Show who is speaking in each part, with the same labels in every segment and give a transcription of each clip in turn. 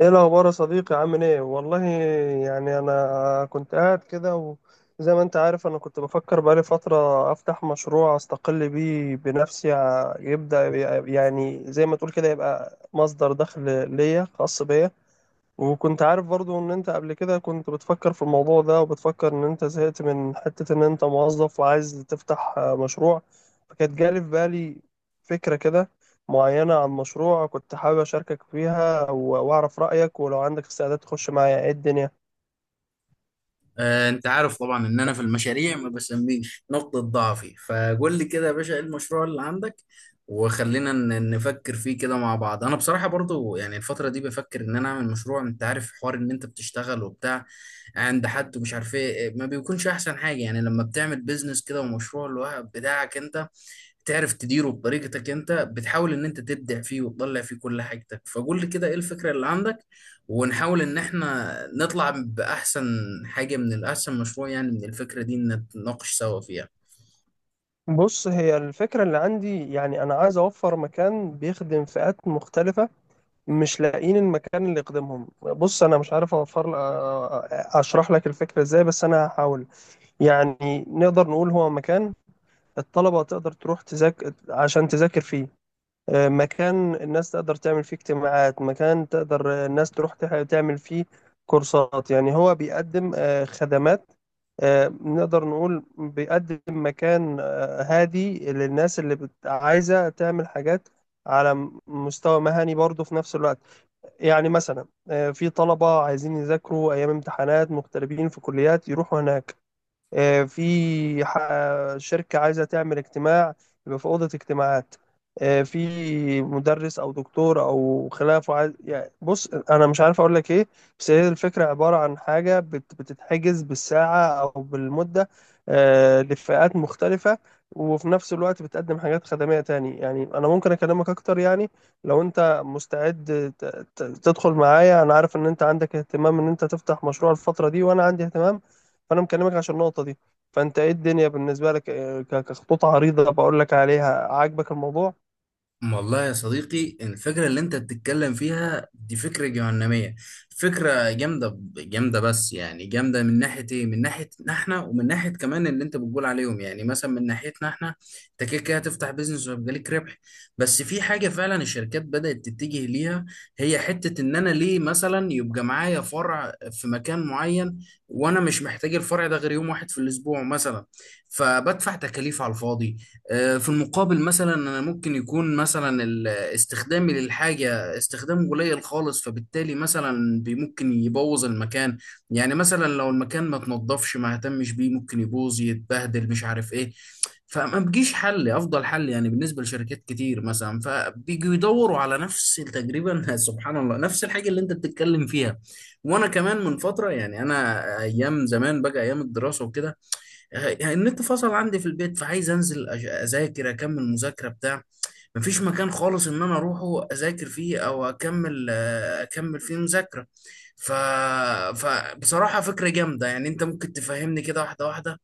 Speaker 1: ايه الاخبار يا صديقي، عامل ايه؟ والله يعني انا كنت قاعد كده. وزي ما انت عارف انا كنت بفكر بقالي فترة افتح مشروع استقل بيه بنفسي، يبدأ، يعني زي ما تقول كده يبقى مصدر دخل ليا خاص بيا. وكنت عارف برضو ان انت قبل كده كنت بتفكر في الموضوع ده، وبتفكر ان انت زهقت من حتة ان انت موظف وعايز تفتح مشروع. فكانت جالي في بالي فكرة كده معينة عن مشروع كنت حابب اشاركك فيها، واعرف رأيك، ولو عندك استعداد تخش معايا ايه الدنيا.
Speaker 2: انت عارف طبعا ان انا في المشاريع ما بسميش نقطة ضعفي، فقول لي كده يا باشا، ايه المشروع اللي عندك؟ وخلينا نفكر فيه كده مع بعض. انا بصراحة برضو يعني الفترة دي بفكر ان انا اعمل مشروع. انت عارف حوار ان انت بتشتغل وبتاع عند حد ومش عارف ايه، ما بيكونش احسن حاجة يعني لما بتعمل بيزنس كده ومشروع لوحدك بتاعك انت تعرف تديره بطريقتك، انت بتحاول ان انت تبدع فيه وتطلع فيه كل حاجتك. فقول لي كده ايه الفكرة اللي عندك، ونحاول ان احنا نطلع باحسن حاجة، من الاحسن مشروع يعني من الفكرة دي نتناقش سوا فيها.
Speaker 1: بص، هي الفكرة اللي عندي، يعني انا عايز اوفر مكان بيخدم فئات مختلفة مش لاقيين المكان اللي يخدمهم. بص انا مش عارف اوفر، اشرح لك الفكرة ازاي، بس انا هحاول. يعني نقدر نقول هو مكان الطلبة تقدر تروح تذاكر عشان تذاكر فيه. مكان الناس تقدر تعمل فيه اجتماعات، مكان تقدر الناس تروح تعمل فيه كورسات. يعني هو بيقدم خدمات. نقدر نقول بيقدم مكان هادي للناس اللي عايزة تعمل حاجات على مستوى مهني برضه في نفس الوقت. يعني مثلا في طلبة عايزين يذاكروا أيام امتحانات، مغتربين في كليات يروحوا هناك. في شركة عايزة تعمل اجتماع، يبقى في أوضة اجتماعات. في مدرس أو دكتور أو خلافه عايز، يعني بص أنا مش عارف أقول لك إيه، بس هي الفكرة عبارة عن حاجة بتتحجز بالساعة أو بالمدة لفئات مختلفة، وفي نفس الوقت بتقدم حاجات خدمية تاني. يعني أنا ممكن أكلمك أكتر، يعني لو أنت مستعد تدخل معايا. أنا عارف إن أنت عندك اهتمام إن أنت تفتح مشروع الفترة دي، وأنا عندي اهتمام، فانا مكلمك عشان النقطه دي. فانت ايه الدنيا بالنسبه لك؟ كخطوط عريضه بقول لك عليها، عاجبك الموضوع؟
Speaker 2: والله يا صديقي، الفكرة اللي انت بتتكلم فيها دي فكرة جهنمية. فكرة جامدة جامدة، بس يعني جامدة من ناحية ايه؟ من ناحية احنا ومن ناحية كمان اللي انت بتقول عليهم. يعني مثلا من ناحيتنا احنا، انت كده كده هتفتح بيزنس وهيبقى ليك ربح. بس في حاجة فعلا الشركات بدأت تتجه ليها، هي حتة ان انا ليه مثلا يبقى معايا فرع في مكان معين وانا مش محتاج الفرع ده غير يوم واحد في الاسبوع مثلا، فبدفع تكاليف على الفاضي. في المقابل مثلا انا ممكن يكون مثلا استخدامي للحاجه استخدام قليل خالص، فبالتالي مثلا ممكن يبوظ المكان. يعني مثلا لو المكان ما تنضفش ما اهتمش بيه ممكن يبوظ يتبهدل مش عارف ايه، فما بيجيش حل افضل حل يعني بالنسبه لشركات كتير مثلا، فبيجوا يدوروا على نفس تقريبا سبحان الله نفس الحاجه اللي انت بتتكلم فيها. وانا كمان من فتره، يعني انا ايام زمان بقى، ايام الدراسه وكده، يعني النت فصل عندي في البيت فعايز انزل اذاكر اكمل مذاكره بتاع، مفيش مكان خالص ان انا اروحه اذاكر فيه او اكمل فيه مذاكره. ف... فبصراحه فكره جامده. يعني انت ممكن تفهمني كده واحده واحده؟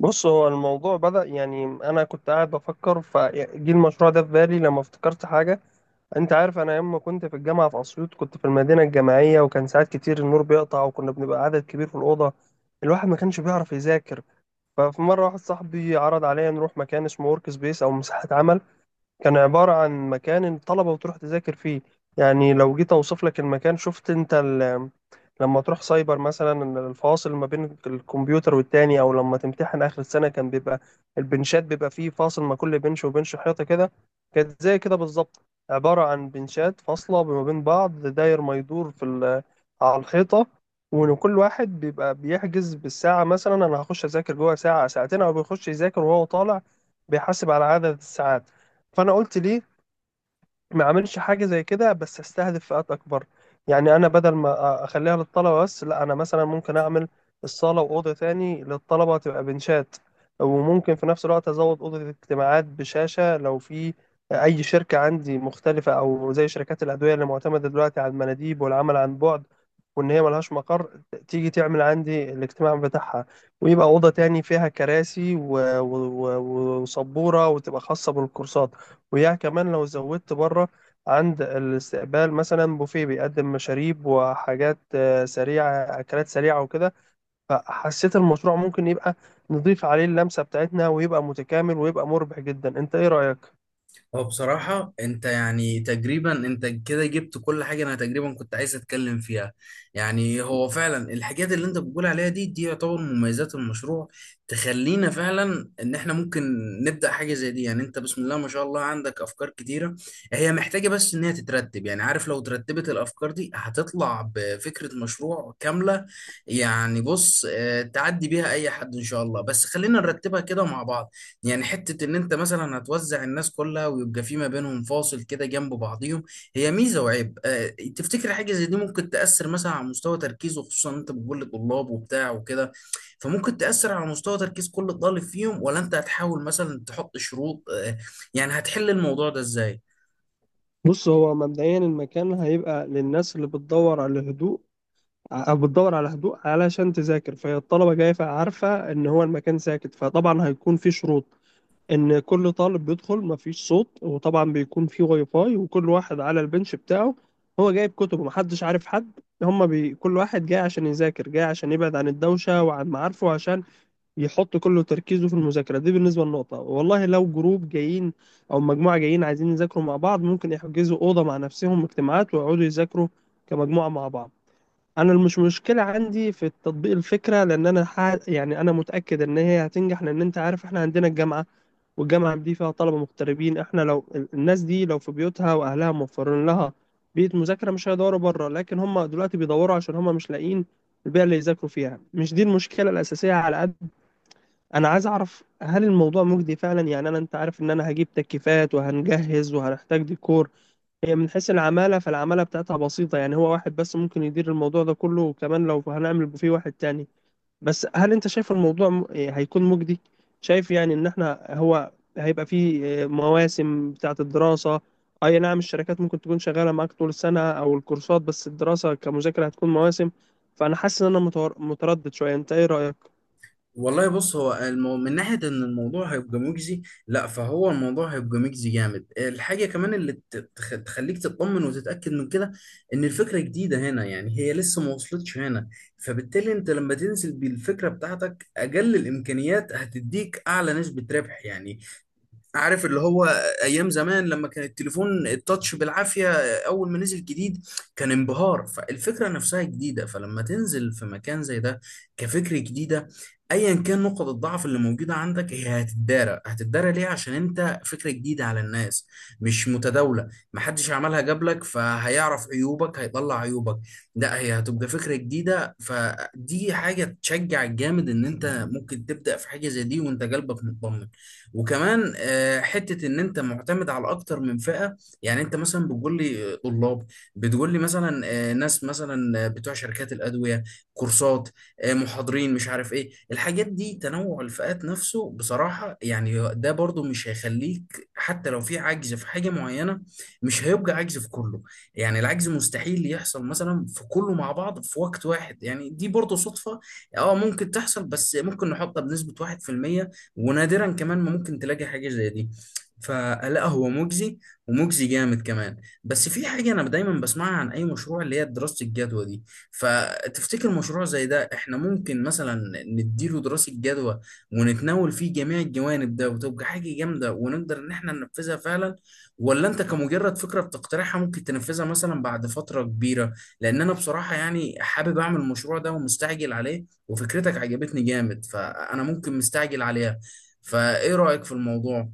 Speaker 1: بص، هو الموضوع بدأ، يعني انا كنت قاعد بفكر فجي المشروع ده في بالي لما افتكرت حاجه. انت عارف انا لما كنت في الجامعه في اسيوط كنت في المدينه الجامعيه، وكان ساعات كتير النور بيقطع وكنا بنبقى عدد كبير في الاوضه، الواحد ما كانش بيعرف يذاكر. ففي مره واحد صاحبي عرض عليا نروح مكان اسمه ورك سبيس او مساحه عمل، كان عبارة عن مكان الطلبة بتروح تذاكر فيه. يعني لو جيت أوصف لك المكان، شفت أنت لما تروح سايبر مثلا، الفاصل ما بين الكمبيوتر والتاني، أو لما تمتحن آخر السنة كان بيبقى البنشات بيبقى فيه فاصل ما كل بنش وبنش، حيطة كده. كانت زي كده بالظبط، عبارة عن بنشات فاصلة ما بين بعض، داير ما يدور في على الحيطة. وإن كل واحد بيبقى بيحجز بالساعة، مثلا أنا هخش أذاكر جوه ساعة ساعتين، أو بيخش يذاكر وهو طالع بيحاسب على عدد الساعات. فانا قلت ليه ما اعملش حاجه زي كده، بس استهدف فئات اكبر. يعني انا بدل ما اخليها للطلبه بس، لا انا مثلا ممكن اعمل الصاله واوضه تاني للطلبه تبقى بنشات، وممكن في نفس الوقت ازود اوضه الاجتماعات بشاشه لو في اي شركه عندي مختلفه، او زي شركات الادويه اللي معتمده دلوقتي على المناديب والعمل عن بعد وان هي ملهاش مقر، تيجي تعمل عندي الاجتماع بتاعها، ويبقى اوضه تاني فيها كراسي وسبوره وتبقى خاصه بالكورسات. ويا كمان لو زودت بره عند الاستقبال مثلا بوفيه بيقدم مشاريب وحاجات سريعة، أكلات سريعة وكده. فحسيت المشروع ممكن يبقى، نضيف عليه اللمسة بتاعتنا ويبقى متكامل ويبقى مربح جدا. انت ايه رأيك؟
Speaker 2: هو بصراحة انت يعني تقريبا انت كده جبت كل حاجة انا تقريبا كنت عايز اتكلم فيها. يعني هو فعلا الحاجات اللي انت بتقول عليها دي يعتبر مميزات المشروع، تخلينا فعلا ان احنا ممكن نبدأ حاجة زي دي. يعني انت بسم الله ما شاء الله عندك افكار كتيرة، هي محتاجة بس ان هي تترتب. يعني عارف، لو ترتبت الافكار دي هتطلع بفكرة مشروع كاملة. يعني بص، تعدي بيها اي حد ان شاء الله، بس خلينا نرتبها كده مع بعض. يعني حتة ان انت مثلا هتوزع الناس كلها ويبقى في ما بينهم فاصل كده جنب بعضيهم، هي ميزة وعيب. تفتكر حاجة زي دي ممكن تأثر مثلا على مستوى تركيزه، خصوصا انت بتقول لطلاب وبتاع وكده؟ فممكن تأثر على مستوى تركيز كل طالب فيهم، ولا انت هتحاول مثلا تحط شروط؟ يعني هتحل الموضوع ده ازاي؟
Speaker 1: بص، هو مبدئيا المكان هيبقى للناس اللي بتدور على هدوء، أو بتدور على هدوء علشان تذاكر، فهي الطلبة جاية عارفة إن هو المكان ساكت، فطبعا هيكون في شروط ان كل طالب بيدخل مفيش صوت. وطبعا بيكون في واي فاي وكل واحد على البنش بتاعه، هو جايب كتبه محدش عارف حد. هما كل واحد جاي عشان يذاكر، جاي عشان يبعد عن الدوشة وعن معارفه عشان يحط كله تركيزه في المذاكرة. دي بالنسبة للنقطة. والله لو جروب جايين او مجموعة جايين عايزين يذاكروا مع بعض، ممكن يحجزوا أوضة مع نفسهم اجتماعات ويقعدوا يذاكروا كمجموعة مع بعض. انا مش مشكله عندي في التطبيق الفكره، لان انا يعني انا متاكد ان هي هتنجح، لان انت عارف احنا عندنا الجامعه، والجامعة دي فيها طلبة مغتربين. احنا لو الناس دي لو في بيوتها واهلها موفرين لها بيئة مذاكرة مش هيدوروا بره، لكن هم دلوقتي بيدوروا عشان هم مش لاقيين البيئة اللي يذاكروا فيها. مش دي المشكلة الأساسية، على قد أنا عايز أعرف هل الموضوع مجدي فعلا. يعني أنا، أنت عارف إن أنا هجيب تكييفات وهنجهز وهنحتاج ديكور. هي من حيث العمالة فالعمالة بتاعتها بسيطة، يعني هو واحد بس ممكن يدير الموضوع ده كله، وكمان لو هنعمل بوفيه واحد تاني. بس هل انت شايف الموضوع هيكون مجدي؟ شايف يعني ان احنا، هو هيبقى فيه مواسم بتاعة الدراسة. اي نعم، الشركات ممكن تكون شغالة معاك طول السنة او الكورسات، بس الدراسة كمذاكرة هتكون مواسم. فانا حاسس ان انا متردد شوية. انت ايه رأيك؟
Speaker 2: والله بص، هو من ناحية إن الموضوع هيبقى مجزي، لا فهو الموضوع هيبقى مجزي جامد. الحاجة كمان اللي تخليك تطمن وتتأكد من كده، إن الفكرة جديدة هنا، يعني هي لسه ما وصلتش هنا. فبالتالي أنت لما تنزل بالفكرة بتاعتك أقل الإمكانيات هتديك أعلى نسبة ربح. يعني عارف اللي هو، ايام زمان لما كان التليفون التاتش بالعافيه، اول ما نزل جديد كان انبهار، فالفكره نفسها جديده. فلما تنزل في مكان زي ده كفكره جديده، ايا كان نقط الضعف اللي موجوده عندك هي هتتدارى. هتتدارى ليه؟ عشان انت فكره جديده على الناس، مش متداوله، محدش عملها قبلك فهيعرف عيوبك، هيطلع عيوبك. لا، هي هتبقى فكره جديده، فدي حاجه تشجع جامد ان انت ممكن تبدا في حاجه زي دي وانت قلبك مطمن. وكمان حته ان انت معتمد على اكتر من فئه. يعني انت مثلا بتقول لي طلاب، بتقول لي مثلا ناس، مثلا بتوع شركات الادويه، كورسات، محاضرين، مش عارف ايه الحاجات دي. تنوع الفئات نفسه بصراحه، يعني ده برضو مش هيخليك، حتى لو في عجز في حاجه معينه مش هيبقى عجز في كله. يعني العجز مستحيل يحصل مثلا في كله مع بعض في وقت واحد، يعني دي برضو صدفه. اه ممكن تحصل، بس ممكن نحطها بنسبه 1%، ونادرا كمان ما ممكن تلاقي حاجة زي دي. فلا هو مجزي، ومجزي جامد كمان. بس في حاجة أنا دايما بسمعها عن أي مشروع، اللي هي دراسة الجدوى دي. فتفتكر مشروع زي ده إحنا ممكن مثلا نديله دراسة جدوى ونتناول فيه جميع الجوانب ده وتبقى حاجة جامدة ونقدر إن إحنا ننفذها فعلا؟ ولا أنت كمجرد فكرة بتقترحها ممكن تنفذها مثلا بعد فترة كبيرة؟ لأن أنا بصراحة يعني حابب أعمل المشروع ده ومستعجل عليه، وفكرتك عجبتني جامد، فأنا ممكن مستعجل عليها. فايه رأيك في الموضوع؟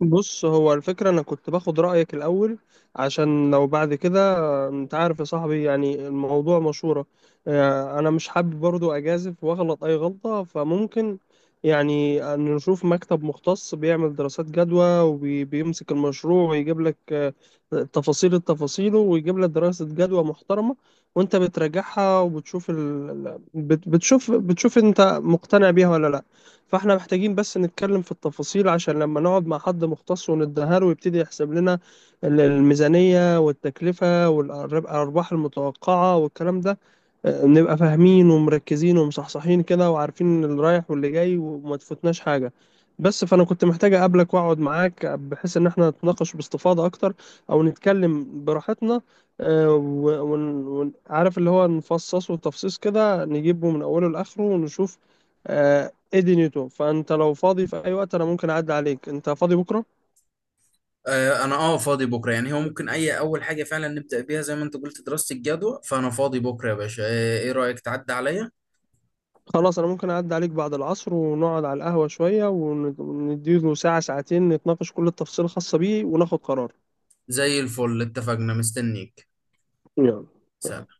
Speaker 1: بص، هو الفكرة أنا كنت باخد رأيك الأول، عشان لو بعد كده، أنت عارف يا صاحبي يعني الموضوع مشورة. أنا مش حابب برضو أجازف وأغلط أي غلطة، فممكن يعني أن نشوف مكتب مختص بيعمل دراسات جدوى وبيمسك المشروع ويجيب لك التفاصيل، ويجيب لك دراسة جدوى محترمة، وأنت بتراجعها وبتشوف بتشوف أنت مقتنع بيها ولا لأ. فاحنا محتاجين بس نتكلم في التفاصيل، عشان لما نقعد مع حد مختص وندهره ويبتدي يحسب لنا الميزانية والتكلفة والأرباح المتوقعة والكلام ده، نبقى فاهمين ومركزين ومصحصحين كده، وعارفين اللي رايح واللي جاي، وما تفوتناش حاجة. بس فأنا كنت محتاج أقابلك وأقعد معاك بحيث إن احنا نتناقش باستفاضة أكتر، أو نتكلم براحتنا. عارف اللي هو، نفصصه تفصيص كده، نجيبه من أوله لآخره ونشوف. آه، ادي نيوتو. فانت لو فاضي في اي وقت انا ممكن اعدي عليك، انت فاضي بكره؟
Speaker 2: آه، انا فاضي بكره. يعني هو ممكن اي اول حاجه فعلا نبدأ بيها زي ما انت قلت دراسة الجدوى، فانا فاضي بكره يا باشا. ايه رأيك تعدي عليا؟
Speaker 1: خلاص انا ممكن اعدي عليك بعد العصر، ونقعد على القهوه شويه ونديله ساعه ساعتين نتناقش كل التفاصيل الخاصه بيه وناخد قرار.
Speaker 2: زي الفل، اتفقنا، مستنيك.
Speaker 1: يلا.
Speaker 2: سلام.